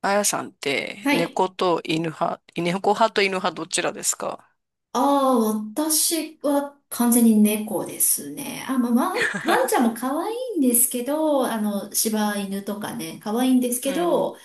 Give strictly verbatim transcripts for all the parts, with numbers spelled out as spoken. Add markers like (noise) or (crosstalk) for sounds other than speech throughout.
あやさんってはい。猫と犬派、猫派と犬派どちらですか？ああ、私は完全に猫ですね。あ、まあ、ワン、ワンちゃんも可愛いんですけど、あの、柴犬とかね、可愛いんですうけん。ど、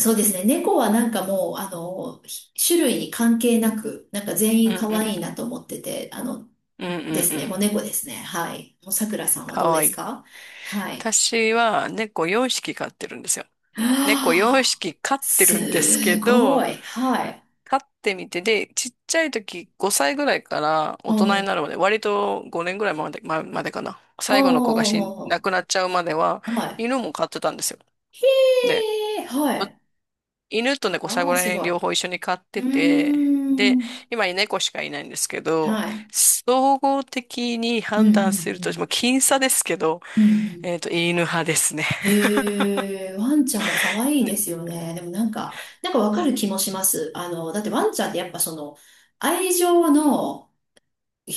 そうですね、猫はなんかもう、あの、ひ種類に関係なく、なんか全う員ん可う愛いんなと思ってて、あの、うん。うでんすうね、もうん。猫ですね。はい。もうさくらさんはかどうでわいすい。か？はい。私は猫よんひき飼ってるんですよ。猫4はあ、匹飼ってるんですけすごど、い。はい。飼ってみて、で、ちっちゃい時ごさいぐらいからお大人になうるまで、割とごねんぐらいまで、ま、までかな。最後の子おうがお死ん、うお亡くうなっちゃうまではおうはい。犬も飼ってたんですよ。へで、え、はい。犬と猫最わ後あ、らす辺ごい。両方一う緒に飼ってて、ーで、ん。今猫しかいないんですけど、はい。総合的にうん、う判断すると、もうん、僅差ですけど、うん。うん、うん。えっと、犬派ですね。へえ、ワンちゃんも可愛いで、ですよね。でもなんか、なんかわかる気もします。あの、だってワンちゃんってやっぱその、愛情の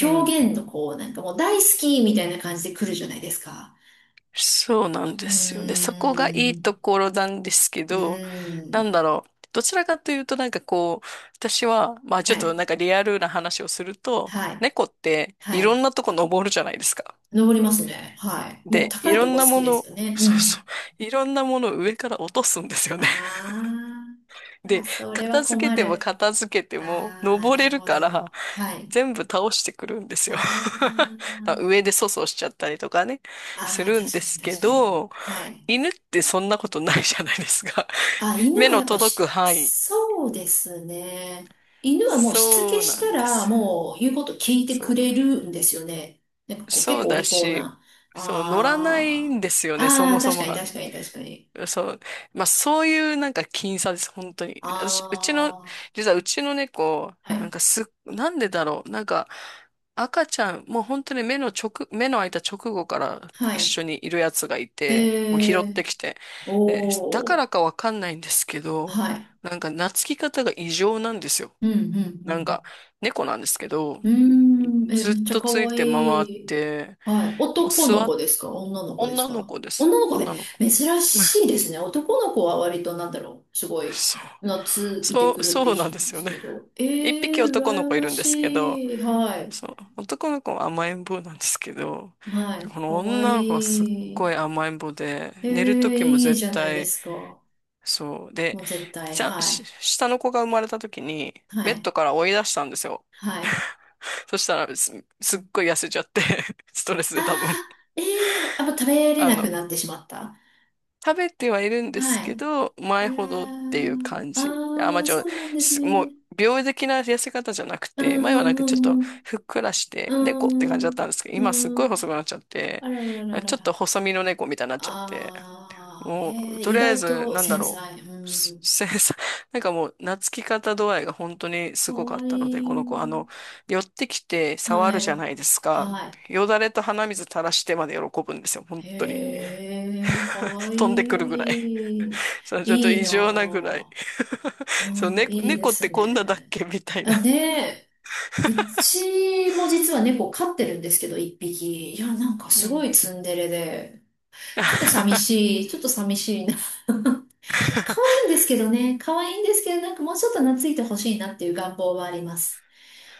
うん。表現のこう、なんかもう大好きみたいな感じで来るじゃないですか。そうなんでうーすよね。そこがいいん。ところなんですけうど、ーなんん。だろう。どちらかというとなんかこう、私は、まあちはょっとい。なんかリアルな話をすると、はい。猫ってはいろい。んなとこ登るじゃないですか。登りますね。はい。もうで、い高いろとこん好なきもですの、よね。うそうそん。う、いろんなものを上から落とすんですよね。ああ、で、それは片付け困てもる。片付けてあもあ、登なれるるほからど。はい。全部倒してくるんですあよ。(laughs) ーまあ上で粗相しちゃったりとかね、すあー、るん確ですかにけ確かに。ど、はい。犬ってそんなことないじゃないですか。あ、(laughs) 犬目はのやっぱ届くし、範囲。そうですね。犬はもうしつけそうしなたんでら、す。もう言うこと聞いてそくう。れるんですよね。なんかこうそ結う構おだ利口し、な。そう、乗らないあんですよね、そあ、あもあ、そ確もかにが。確かに確かに。そう。まあ、そういうなんか僅差です、本当に。私、うちの、あ実はうちの猫、あ、はなんかい。すっ、なんでだろう。なんか、赤ちゃん、もう本当に目の直、目の開いた直後からは一い。緒にいるやつがいへて、もう拾っえ、てきて。でだかおー、らかわかんないんですけど、はい。なんか懐き方が異常なんですよ。うんうんうなんか、ん猫なんですけど、うーん、え、ずっめっちゃと可つい愛て回っい。て、はい。もう男の座っ、子ですか？女の子です女のか？子です。女の子で女の子。珍 (laughs) しいですね。男の子は割となんだろう。すごい、そう。懐いてそくう、(laughs) るってそうな聞んくでんですよすね。けど。えいっぴきー、男の羨子いまるんですけど、しい。はい。そう、男の子は甘えん坊なんですけど、はい。この可愛女の子はすっごい。い甘えん坊で、えー、寝る時もいい絶じゃないで対、すか。そう。で、もう絶対、ちゃん、はしい。下の子が生まれた時に、はベッい。ドから追い出したんですよ。はい。そしたらす、すっごい痩せちゃって、(laughs) ストレスあで多分。ー、ええー、あ、もう食べれあなの、くなってしまった。食べてはいるんですはい。けど、あ前らほどっていうー、感あじ。あ、まあ、ー、ちょ、そうなんですすね。もう、病的な痩せ方じゃなくうて、前はなんんかちょっとうんふっくらしうて、猫って感じんうだん。ったんですけど、う今すっんごういん。細くなっちゃって、あららららちょらっとら。細身の猫みたいになっちゃって、ああ、もへう、え、と意りあえ外ず、となんだ繊ろ細。うう、すん。せ (laughs) なんかもう、懐き方度合いが本当にかすごかっわいたので、この子、あい。の、寄ってきて触はるじゃい。ないですか。はよだれと鼻水垂らしてまで喜ぶんですよ、本い。当に。へえ、か (laughs) わい飛んでくるぐらい。い。そう、ちょっといい異な常なぐらい。あ。(laughs) そう、ああね、いいで猫っすてこんなだっね。けみたいあ、な。ねえ。うちも実は猫飼ってるんですけど、一匹。いや、なんかうすごん。いツンデレで。ちょっと寂 (laughs) しい、ちょっと寂しいな。可愛いんですけどね、可愛いんですけど、なんかもうちょっと懐いてほしいなっていう願望はあります。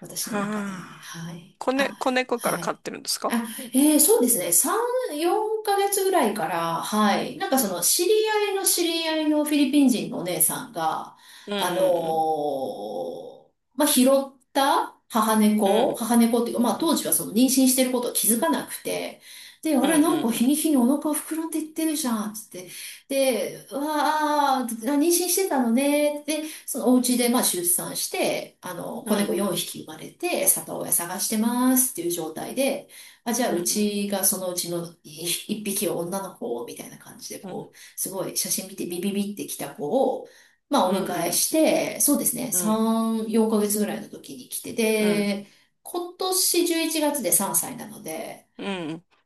私の中で。はあ、はい。子ね、あ、子猫からは飼っい。てるんですか？あ、えー、そうですね。さん、よんかげつぐらいから、はい。なんかうそんの、知り合いの知り合いのフィリピン人のお姉さんが、うんあのうんーまあ、拾った母う猫、ん母猫っていうか、まあ、う当ん時はその妊娠してることを気づかなくて、で、あうれ、なんか日にん日にお腹膨らんでいってるじゃん、つって。で、うわあ、妊娠してたのね。で、そのお家でまあ出産して、あの、う子んう猫4ん匹生まれて、里親探してますっていう状態で、あ、じゃうあんううんちがそのうちのいっぴきを女の子をみたいな感じで、うんこう、すごい写真見てビビビってきた子を、まあうおんう迎えんして、そうですね、うんさん、よんかげつぐらいの時に来て、うんで、今年じゅういちがつでさんさいなので、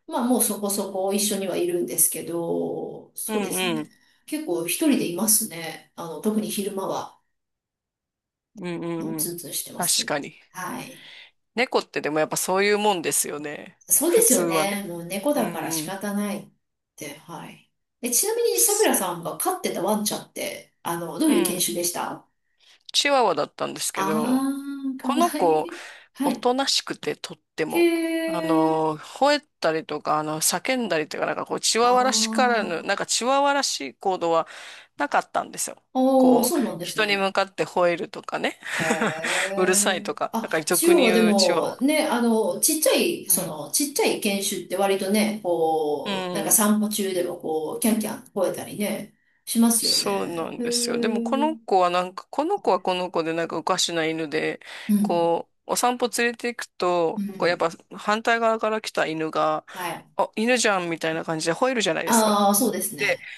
まあもうそこそこ一緒にはいるんですけど、そうですね。結構一人でいますね。あの、特に昼間は。うもうんうツん。ンツンしてま確す。かに。はい。猫ってでもやっぱそういうもんですよね。そうで普す通よはね。ね。もう猫うだんから仕うん。方ないって。はい。え、ちなみに、さくらさんが飼ってたワンちゃんって、あの、どうういう犬ん。種でした？チワワだったんですけど、あー、かこわのい子い。はおい。となしくてとってへも。あー。の、吠えたりとか、あの、叫んだりとか、なんかこう、チあワワらしからぬ、なんー。かチワワらしい行動はなかったんですよ。あー、こそう、うなんです人にね。向かって吠えるとかね。へ (laughs) うるさいえ。とか、なあ、んか中俗央にはで言うチワも、ワ。ね、あの、ちっちゃい、うそん。の、ちっちゃい犬種って割とね、うこう、なんかん。散歩中でもこう、キャンキャン吠えたりね、しますよそうなね。んへですよ。でもえ。この子はなんか、この子はこの子でなんかおかしな犬で、うん、こう、お散歩連れて行くうと、こうやっん、ぱ反対側から来た犬が、はい。あ、犬じゃんみたいな感じで吠えるじゃないですか。ああ、そうですで、ね。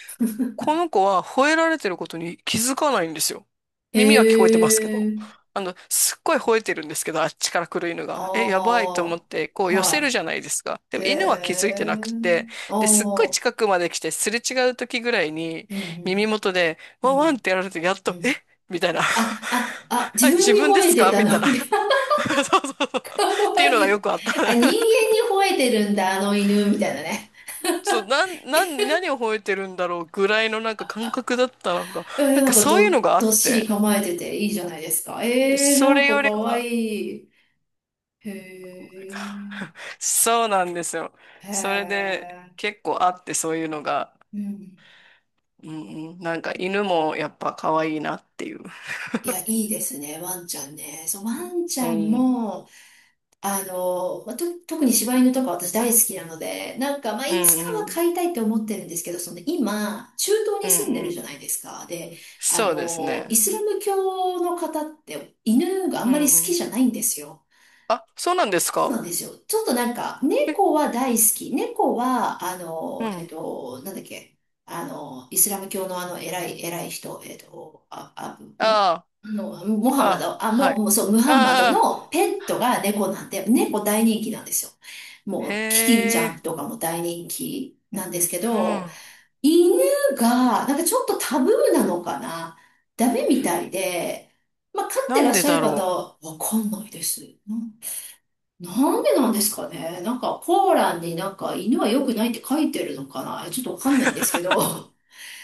この子は吠えられてることに気づかないんですよ。へ耳は聞こえてますけど。え。あの、すっごい吠えてるんですけど、あっちから来る犬が。え、やばいと思っあて、こうあ、寄はせるじゃないですか。でい。へも犬は気づいえ。てなくて、あで、すっごいあ、近くまで来て、すれ違う時ぐらいに、うん、う耳元で、ん、ワうンワンっん、てやられて、やっうと、えん。みたいな。あ、あ、あ、(laughs) あ、自分自に分で吠えすてかたみたいの、な。みたいな。 (laughs) そうそうそう。かってわいうのいがよい。くあった。あ、人間に吠えてるんだ、あの犬、みたいなね。そう、なん、なん、何を吠えてるんだろうぐらいのなんか感覚だったのが、いや、いなやんなかんかそういうど、のがあどっっしりて、構えてていいじゃないですか。で、えー、なそんれかよかりわいは、い。へえ、(laughs) そうなんですよ。へそれでえ、結構あってそういうのが、うん。うんうん、なんか犬もやっぱ可愛いなっていう。いや、いいですね、ワンちゃんね。そう、ワンちうゃんん、も、あの、まあと、特に柴犬とか私大好きなので、なんか、まあ、ういつかん、うはん、飼いたいって思ってるんですけど、その今、中東うん、に住んでうるじゃん。ないですか。で、あそうですの、イね。スラム教の方って犬があうんまりん、好うきん。じゃないんですよ。あ、そうなんですそうなんか？ですよ。ちょっとなんか、え、猫は大好き。猫は、あうの、えっん。と、なんだっけ、あの、イスラム教のあの、偉い、偉い人、えっと、あ、あ、ん、ああの、モあ、ハあマあ、ド、あ、はも、い。もうそう、ムハンマドあのあ、ペットが猫なんで、猫大人気なんですよ。もう、キティちへゃえ、んとかも大人気なんですけうど、ん。犬が、なんかちょっとタブーなのかな？ダメみたいで、まあ、飼ってなんらっでしゃだる方、ろわかんないです。な、なんでなんですかね？なんか、コーランになんか犬は良くないって書いてるのかな？ちょっとわう。かんないんですけ (laughs) ど。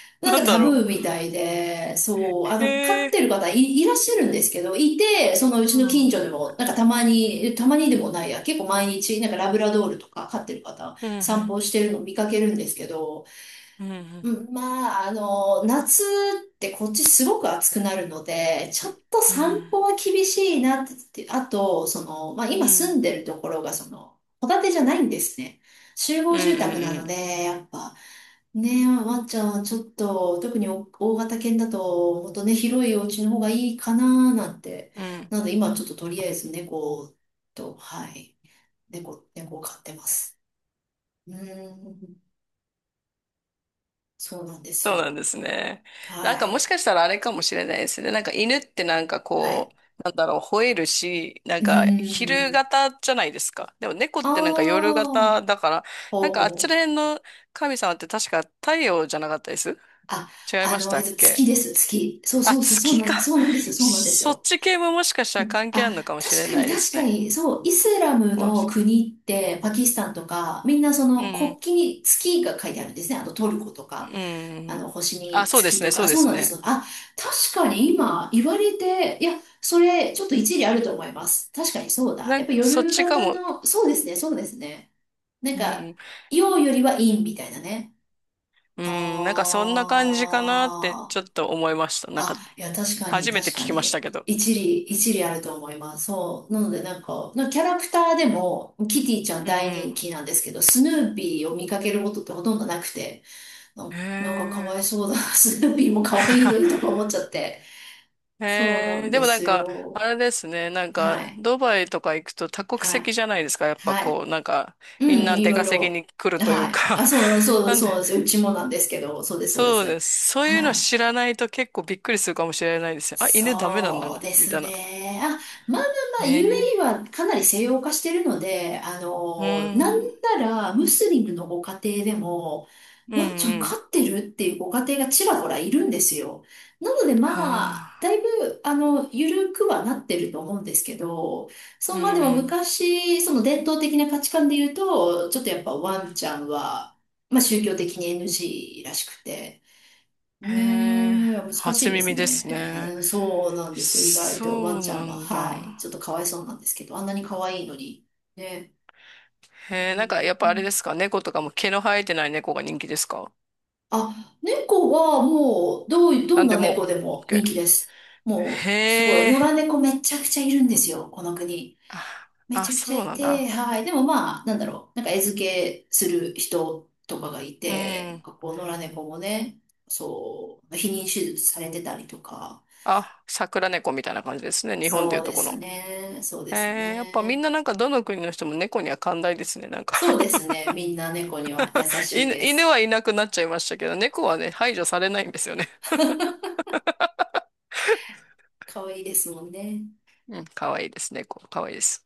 (laughs) なんなかんタだブろーみたいで、そう、あう。の、飼へっえ。てる方い、いらっしゃるんですけど、いて、そのううちのん。う近ん、所でも、なんかたまに、たまにでもないや、結構毎日、なんかラブラドールとか飼ってる方、う散ん、歩してるの見かけるんですけど、うん、ううん、ん、まあ、あの、夏ってこっちすごく暑くなるので、ちょっとうん、散歩は厳しいなって、あと、その、まあう今住ん、んでるところが、その、戸建てじゃないんですね。集う合ん、住宅なうのん。で、やっぱ、ねえ、ワンちゃん、ちょっと、特にお大型犬だと、もっとね、広いお家の方がいいかななんて。うん、なので、今ちょっととりあえず猫と、はい、猫、猫を飼ってます。うーん、そうなんですそうなんでよ。すね。なんはかもしい。かしたらあれかもしれないですね。なんか犬ってなんかはい。こう、なんだろう、吠えるし、なんうーか昼ん。型じゃないですか。でも猫っあてなんか夜型あ、だから、なんかあっちほらう。辺の神様って確か太陽じゃなかったです？あ、違いあましの、たっ月け？です、月。そうあ、そうそう、そう月なか。ん、そうなんですよ、そうなんですそっよ。ち系ももしかしたうらん、関係ああ、るのかもしれ確かなにいで確すかね。に、そう、イスラムものし、国っうて、ん。パキスタンとか、みんなそうの国ん旗に月が書いてあるんですね。あの、トルコとか、うあん。の、星あ、にそうで月すとね、そか、うでそうすなんですね。よ。あ、確かに今言われて、いや、それ、ちょっと一理あると思います。確かにそうだ。なやっんぱか、そっ夜ちか型も。の、そうですね、そうですね。なんうか、ん。陽よりは陰みたいなね。うん、なんかそんな感じかなってあちょっと思いました。なんか、あ。あ、いや、確かに、初めて確聞かきましたに。けど。一理、一理あると思います。そう。なので、なんか、なんかキャラクターでも、キティちゃんう大人ん気なんですけど、スヌーピーを見かけることってほとんどなくて、な、うん。へなんかかわいえ。そうだな。(laughs) スヌーピーも可愛いのにとか (laughs) 思っちゃって。そうなへんえ。ででもなんすか、あよ。れですね。なんか、はい。ドバイとか行くと多国は籍い。じゃないですか。やっぱはい。こう、なんか、うみんん、ない出ろい稼ぎろ。に来るというはい。あ、か。そう、(laughs) そう、なんで、そうです。うちもなんですけど、そうです、そうでそうす。です。そういうのはい。知らないと結構びっくりするかもしれないですよ。あ、犬ダメなんだそろううでみたすいな。ね。あ、まあまあまあ、へえ。ユーエーイー はかなり西洋化してるので、あうの、なんん。ならムスリムのご家庭でも、うんワンちゃんう飼ん。ってるっていうご家庭がちらほらいるんですよ。なのではまあ、だいあ。ぶ、あの、緩くはなってると思うんですけど、そうう、まあでもん昔、その伝統的な価値観で言うと、ちょっとやっぱうん。ワンちゃんは、まあ宗教的に エヌジー らしくて、へえ。ねえ、難し初いです耳でね。すね。うん、そうなんですよ。意外そとワンうちゃんなは。んはい。ちだ。ょっとかわいそうなんですけど、あんなに可愛いのに。ね。うへえ。なんかやっぱあれでん、すか、猫とかも毛の生えてない猫が人気ですか？あ、猫はもう、どうい、どなんんでなも。猫でも人気です。オーケー。 もう、すごい。へえ。野良猫めちゃくちゃいるんですよ。この国。あ、めあ、ちゃくちゃそういなんて、だ。はい。でもまあ、なんだろう。なんか餌付けする人とかがいうて、なんん。かこう、野良猫もね、そう、避妊手術されてたりとか。あ、桜猫みたいな感じですね。日本でそいううとでこすの。ね。そうですえー、やっぱみんね。ななんかどの国の人も猫には寛大ですね。なんか、 そうですね。みんな猫には優 (laughs) しい犬、で犬す。はいなくなっちゃいましたけど、猫はね、排除されないんですよね。(laughs) 可愛いですもんね。うん、かわいいです。猫、かわいいです。